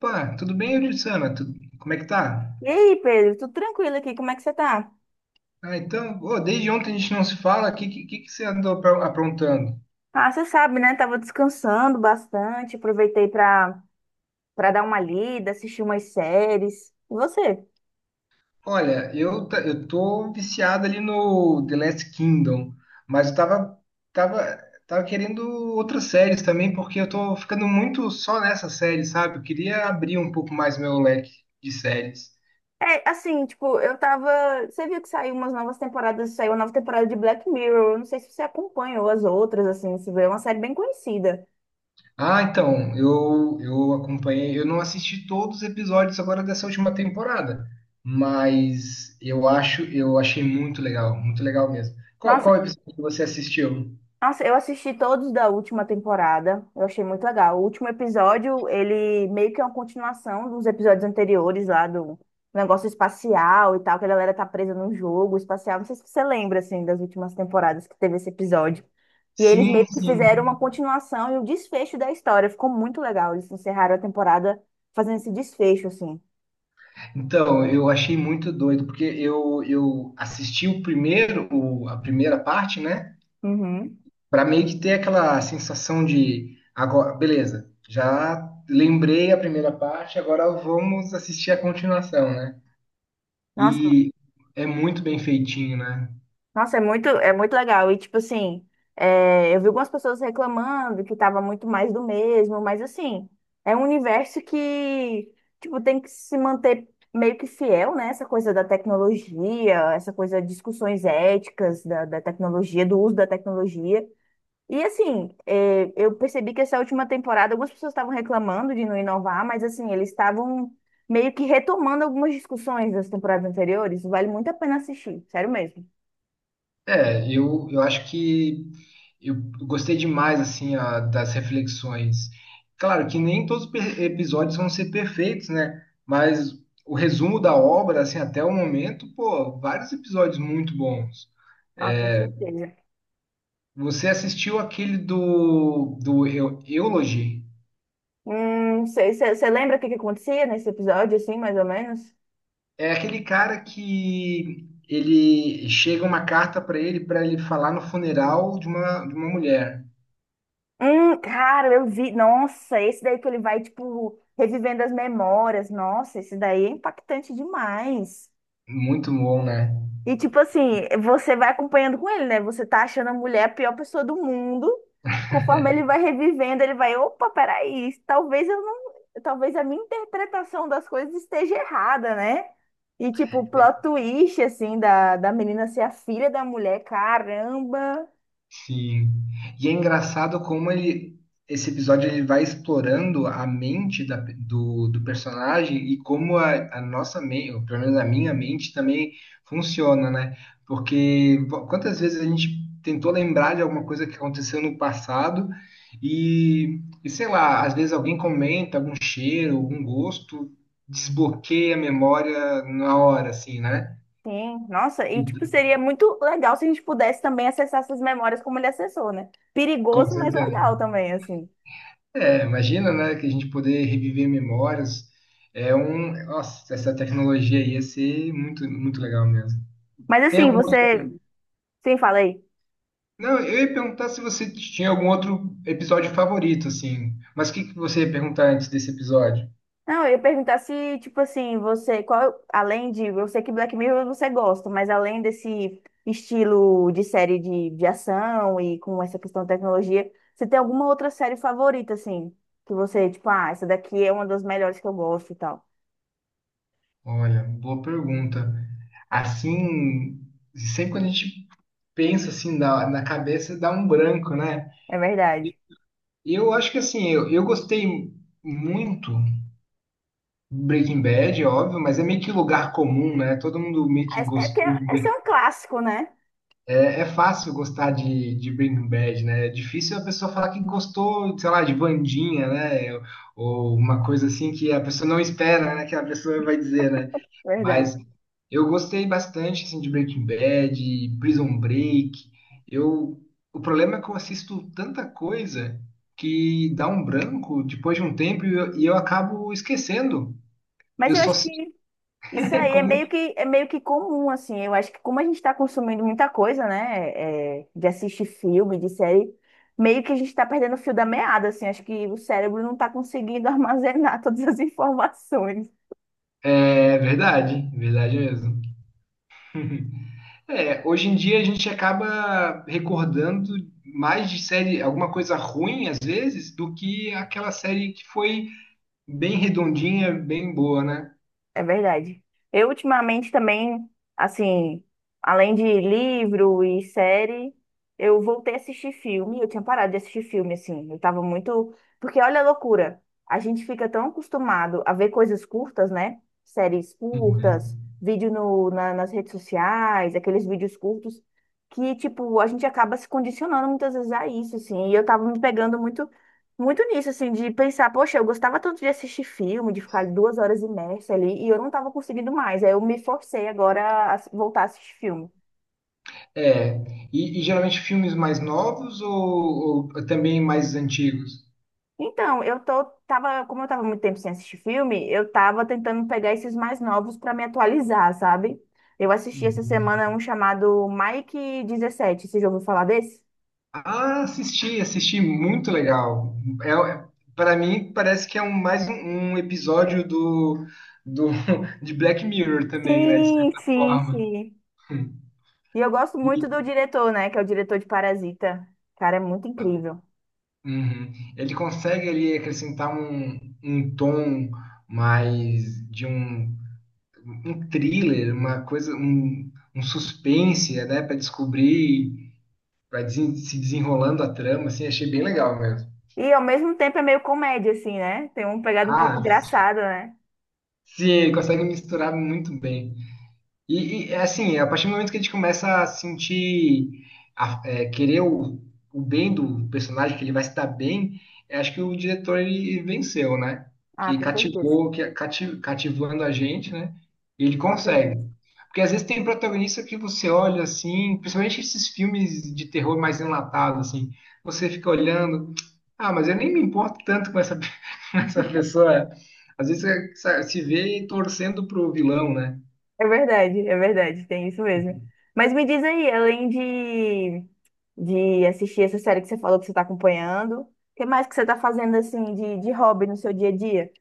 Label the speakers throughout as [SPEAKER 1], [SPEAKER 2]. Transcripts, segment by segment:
[SPEAKER 1] Opa, tudo bem, Euridissana? Tudo? Como é que tá?
[SPEAKER 2] E aí, Pedro, tudo tranquilo aqui? Como é que você tá?
[SPEAKER 1] Desde ontem a gente não se fala. O que, que você andou aprontando?
[SPEAKER 2] Ah, você sabe, né? Tava descansando bastante, aproveitei pra dar uma lida, assistir umas séries. E você?
[SPEAKER 1] Olha, eu tô viciado ali no The Last Kingdom, mas eu tava, tava, tava querendo outras séries também, porque eu tô ficando muito só nessa série, sabe? Eu queria abrir um pouco mais meu leque de séries.
[SPEAKER 2] É, assim, tipo, eu tava. Você viu que saiu umas novas saiu uma nova temporada de Black Mirror. Eu não sei se você acompanhou as outras, assim, se vê, é uma série bem conhecida.
[SPEAKER 1] Eu acompanhei, eu não assisti todos os episódios agora dessa última temporada, mas eu achei muito legal mesmo. Qual,
[SPEAKER 2] Nossa,
[SPEAKER 1] qual episódio que você assistiu?
[SPEAKER 2] Nossa, eu assisti todos da última temporada. Eu achei muito legal. O último episódio, ele meio que é uma continuação dos episódios anteriores lá do negócio espacial e tal, que a galera tá presa num jogo espacial. Não sei se você lembra, assim, das últimas temporadas que teve esse episódio. E eles meio
[SPEAKER 1] Sim,
[SPEAKER 2] que fizeram uma
[SPEAKER 1] sim.
[SPEAKER 2] continuação e o desfecho da história. Ficou muito legal. Eles encerraram a temporada fazendo esse desfecho, assim.
[SPEAKER 1] Então, eu achei muito doido, porque eu assisti o primeiro, a primeira parte, né?
[SPEAKER 2] Uhum.
[SPEAKER 1] Para meio que ter aquela sensação de agora, beleza, já lembrei a primeira parte, agora vamos assistir a continuação, né?
[SPEAKER 2] Nossa,
[SPEAKER 1] E é muito bem feitinho, né?
[SPEAKER 2] Nossa, é muito legal. E, tipo assim, é, eu vi algumas pessoas reclamando que tava muito mais do mesmo, mas, assim, é um universo tipo, tem que se manter meio que fiel, né? Essa coisa da tecnologia, essa coisa de discussões éticas da tecnologia, do uso da tecnologia. E, assim, é, eu percebi que essa última temporada algumas pessoas estavam reclamando de não inovar, mas, assim, eles estavam meio que retomando algumas discussões das temporadas anteriores. Vale muito a pena assistir, sério mesmo.
[SPEAKER 1] Eu acho que eu gostei demais assim das reflexões. Claro que nem todos os episódios vão ser perfeitos, né? Mas o resumo da obra, assim, até o momento, pô, vários episódios muito bons.
[SPEAKER 2] Ah, com certeza.
[SPEAKER 1] Você assistiu aquele do Eulogy?
[SPEAKER 2] Não sei, você lembra o que que acontecia nesse episódio, assim, mais ou menos?
[SPEAKER 1] É aquele cara que ele chega uma carta para ele falar no funeral de de uma mulher.
[SPEAKER 2] Cara, eu vi. Nossa, esse daí que ele vai, tipo, revivendo as memórias. Nossa, esse daí é impactante demais.
[SPEAKER 1] Muito bom, né?
[SPEAKER 2] E tipo assim, você vai acompanhando com ele, né? Você tá achando a mulher a pior pessoa do mundo. Conforme ele vai revivendo, ele vai, opa, peraí, talvez eu não, talvez a minha interpretação das coisas esteja errada, né? E tipo, o plot twist assim da menina ser a filha da mulher, caramba.
[SPEAKER 1] Sim. E é engraçado como ele, esse episódio ele vai explorando a mente do personagem e como a nossa mente, ou pelo menos a minha mente também funciona, né? Porque quantas vezes a gente tentou lembrar de alguma coisa que aconteceu no passado e sei lá, às vezes alguém comenta algum cheiro, algum gosto, desbloqueia a memória na hora, assim, né?
[SPEAKER 2] Sim, nossa, e tipo,
[SPEAKER 1] Ent-
[SPEAKER 2] seria muito legal se a gente pudesse também acessar essas memórias como ele acessou, né?
[SPEAKER 1] Com
[SPEAKER 2] Perigoso, mas
[SPEAKER 1] certeza.
[SPEAKER 2] legal também, assim.
[SPEAKER 1] É, imagina, né, que a gente poder reviver memórias. É um, nossa, essa tecnologia aí ia ser muito, muito legal mesmo.
[SPEAKER 2] Mas
[SPEAKER 1] Tem
[SPEAKER 2] assim,
[SPEAKER 1] algum outro-
[SPEAKER 2] você, sim, falei.
[SPEAKER 1] Não, eu ia perguntar se você tinha algum outro episódio favorito, assim. Mas o que que você ia perguntar antes desse episódio?
[SPEAKER 2] Não, eu ia perguntar se, tipo assim, você, qual, além de, eu sei que Black Mirror você gosta, mas além desse estilo de série de ação e com essa questão de tecnologia, você tem alguma outra série favorita, assim, que você, tipo, ah, essa daqui é uma das melhores que eu gosto e tal.
[SPEAKER 1] Olha, boa pergunta. Assim, sempre quando a gente pensa assim na cabeça, dá um branco, né?
[SPEAKER 2] É verdade.
[SPEAKER 1] Eu acho que assim, eu gostei muito Breaking Bad, é óbvio, mas é meio que lugar comum, né? Todo mundo meio
[SPEAKER 2] É
[SPEAKER 1] que
[SPEAKER 2] é porque
[SPEAKER 1] gostou de
[SPEAKER 2] esse é
[SPEAKER 1] Breaking
[SPEAKER 2] um
[SPEAKER 1] Bad.
[SPEAKER 2] clássico, né?
[SPEAKER 1] É, é fácil gostar de Breaking Bad, né? É difícil a pessoa falar que gostou, sei lá, de Vandinha, né? Ou uma coisa assim que a pessoa não espera, né? Que a pessoa vai dizer, né?
[SPEAKER 2] Verdade.
[SPEAKER 1] Mas eu gostei bastante, assim, de Breaking Bad, Prison Break. Eu, o problema é que eu assisto tanta coisa que dá um branco depois de um tempo e eu acabo esquecendo.
[SPEAKER 2] Mas
[SPEAKER 1] Eu
[SPEAKER 2] eu
[SPEAKER 1] só
[SPEAKER 2] acho
[SPEAKER 1] sei
[SPEAKER 2] que Isso aí
[SPEAKER 1] quando
[SPEAKER 2] é meio que comum, assim. Eu acho que como a gente está consumindo muita coisa, né? É, de assistir filme, de série, meio que a gente está perdendo o fio da meada, assim. Acho que o cérebro não está conseguindo armazenar todas as informações.
[SPEAKER 1] É verdade, verdade mesmo. É, hoje em dia a gente acaba recordando mais de série, alguma coisa ruim às vezes, do que aquela série que foi bem redondinha, bem boa, né?
[SPEAKER 2] É verdade. Eu ultimamente também, assim, além de livro e série, eu voltei a assistir filme. Eu tinha parado de assistir filme, assim. Eu tava muito. Porque olha a loucura. A gente fica tão acostumado a ver coisas curtas, né? Séries curtas,
[SPEAKER 1] Uhum.
[SPEAKER 2] vídeo no, na- nas redes sociais, aqueles vídeos curtos, que, tipo, a gente acaba se condicionando muitas vezes a isso, assim. E eu tava me pegando muito nisso, assim, de pensar, poxa, eu gostava tanto de assistir filme, de ficar 2 horas imersa ali, e eu não estava conseguindo mais. Aí eu me forcei agora a voltar a assistir filme.
[SPEAKER 1] É, e geralmente filmes mais novos ou também mais antigos?
[SPEAKER 2] Então, tava, como eu tava muito tempo sem assistir filme, eu tava tentando pegar esses mais novos para me atualizar, sabe? Eu assisti essa
[SPEAKER 1] Uhum.
[SPEAKER 2] semana um chamado Mike 17, você já ouviu falar desse?
[SPEAKER 1] Ah, assisti, assisti, muito legal. É, para mim parece que é um episódio do de Black Mirror também, né? De
[SPEAKER 2] Sim,
[SPEAKER 1] certa
[SPEAKER 2] sim,
[SPEAKER 1] forma.
[SPEAKER 2] sim. E eu gosto muito do diretor, né, que é o diretor de Parasita. Cara, é muito incrível.
[SPEAKER 1] Uhum. Ele consegue ali acrescentar um tom mais de um thriller, uma coisa, um suspense, né? Para descobrir, para se desenrolando a trama, assim, achei bem legal mesmo.
[SPEAKER 2] E ao mesmo tempo é meio comédia, assim, né? Tem uma pegada um pouco
[SPEAKER 1] Ah,
[SPEAKER 2] engraçada, né?
[SPEAKER 1] sim, ele consegue misturar muito bem. É assim, a partir do momento que a gente começa a sentir, querer o bem do personagem, que ele vai se dar bem, eu acho que o diretor ele venceu, né?
[SPEAKER 2] Ah,
[SPEAKER 1] Que
[SPEAKER 2] com certeza.
[SPEAKER 1] cativou, cativando a gente, né? E ele
[SPEAKER 2] Com certeza.
[SPEAKER 1] consegue. Porque às vezes tem protagonista que você olha assim, principalmente esses filmes de terror mais enlatados, assim, você fica olhando, ah, mas eu nem me importo tanto com essa, com essa pessoa. Às vezes você se vê torcendo pro vilão, né?
[SPEAKER 2] É verdade, tem isso mesmo. Mas me diz aí, de assistir essa série que você falou que você está acompanhando, o que mais que você está fazendo, assim, de hobby no seu dia a dia?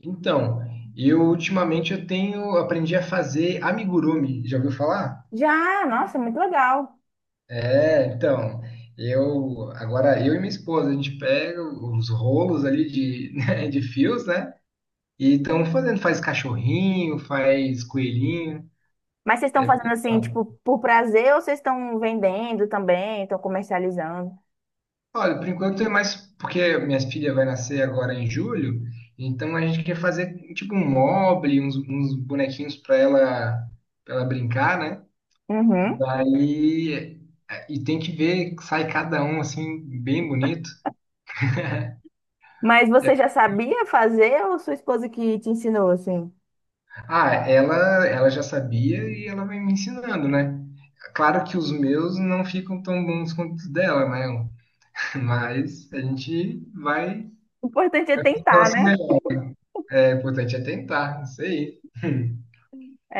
[SPEAKER 1] Então, eu tenho aprendi a fazer amigurumi. Já ouviu falar?
[SPEAKER 2] Já, nossa, muito legal.
[SPEAKER 1] É, então, eu e minha esposa a gente pega os rolos ali de, né, de fios, né? E estamos fazendo, faz cachorrinho, faz coelhinho.
[SPEAKER 2] Mas vocês estão
[SPEAKER 1] É bem
[SPEAKER 2] fazendo, assim,
[SPEAKER 1] legal.
[SPEAKER 2] tipo, por prazer ou vocês estão vendendo também, estão comercializando?
[SPEAKER 1] Olha, por enquanto é mais porque minha filha vai nascer agora em julho, então a gente quer fazer tipo um mobile, uns bonequinhos para ela brincar, né?
[SPEAKER 2] Uhum.
[SPEAKER 1] Daí, é, e tem que ver, sai cada um assim, bem bonito.
[SPEAKER 2] Mas você já sabia fazer ou sua esposa que te ensinou, assim?
[SPEAKER 1] Ah, ela já sabia e ela vai me ensinando, né? Claro que os meus não ficam tão bons quanto os dela, né? Mas a gente vai.
[SPEAKER 2] O importante é tentar,
[SPEAKER 1] Nosso
[SPEAKER 2] né?
[SPEAKER 1] melhor. É importante é tentar, não sei.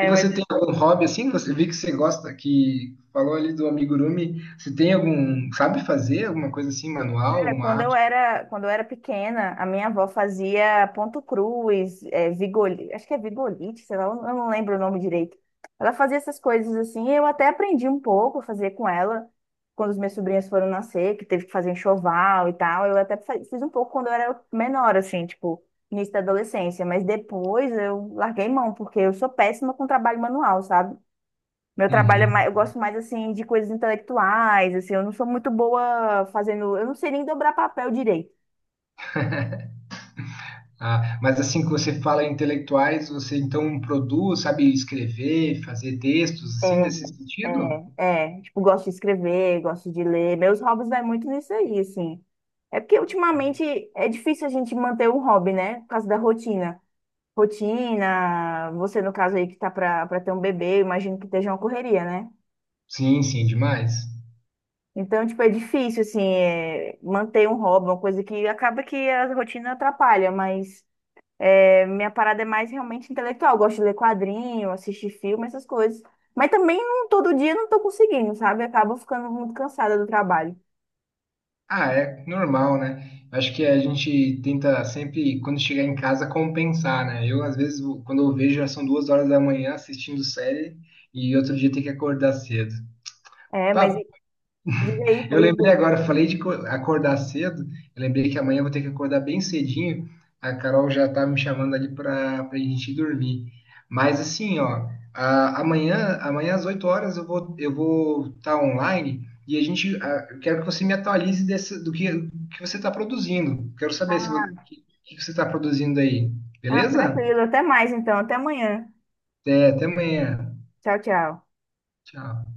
[SPEAKER 1] E
[SPEAKER 2] mas,
[SPEAKER 1] você tem algum hobby assim? Você vi que você gosta, que falou ali do amigurumi. Você tem algum, sabe fazer alguma coisa assim, manual,
[SPEAKER 2] é,
[SPEAKER 1] uma arte?
[SPEAKER 2] quando eu era pequena, a minha avó fazia ponto cruz, é, acho que é vigolite, sei lá, eu não lembro o nome direito. Ela fazia essas coisas assim, eu até aprendi um pouco a fazer com ela, quando os meus sobrinhos foram nascer, que teve que fazer enxoval e tal. Eu até fiz um pouco quando eu era menor, assim, tipo, início da adolescência, mas depois eu larguei mão, porque eu sou péssima com trabalho manual, sabe? Meu trabalho é mais,
[SPEAKER 1] Uhum.
[SPEAKER 2] eu gosto mais assim de coisas intelectuais, assim, eu não sou muito boa fazendo, eu não sei nem dobrar papel direito.
[SPEAKER 1] Ah, mas assim que você fala em intelectuais, você então produz, sabe escrever, fazer textos
[SPEAKER 2] É,
[SPEAKER 1] assim nesse sentido?
[SPEAKER 2] é, tipo, gosto de escrever, gosto de ler. Meus hobbies vai muito nisso aí, assim. É porque ultimamente é difícil a gente manter um hobby, né? Por causa da rotina. Rotina, você no caso aí que tá pra ter um bebê, eu imagino que esteja uma correria, né?
[SPEAKER 1] Sim, sim, demais.
[SPEAKER 2] Então, tipo, é difícil, assim, é, manter um hobby, uma coisa que acaba que a rotina atrapalha, mas é, minha parada é mais realmente intelectual. Eu gosto de ler quadrinho, assistir filme, essas coisas. Mas também não, todo dia não tô conseguindo, sabe? Acabo ficando muito cansada do trabalho.
[SPEAKER 1] Ah, é normal, né? Acho que a gente tenta sempre, quando chegar em casa, compensar, né? Eu, às vezes, quando eu vejo, já são 2 horas da manhã assistindo série e outro dia tem que acordar cedo.
[SPEAKER 2] É, mas
[SPEAKER 1] Papo
[SPEAKER 2] diz aí,
[SPEAKER 1] Eu
[SPEAKER 2] pode
[SPEAKER 1] lembrei
[SPEAKER 2] dizer.
[SPEAKER 1] agora, eu falei de acordar cedo. Eu lembrei que amanhã eu vou ter que acordar bem cedinho. A Carol já tá me chamando ali para a gente dormir. Mas assim, ó, amanhã às 8 horas eu vou estar online e a gente eu quero que você me atualize desse, do que você está produzindo. Quero saber se o
[SPEAKER 2] Ah,
[SPEAKER 1] que, que você está produzindo aí,
[SPEAKER 2] ah,
[SPEAKER 1] beleza?
[SPEAKER 2] tranquilo. Até mais então. Até amanhã.
[SPEAKER 1] Até, até amanhã.
[SPEAKER 2] Tchau, tchau.
[SPEAKER 1] Tchau.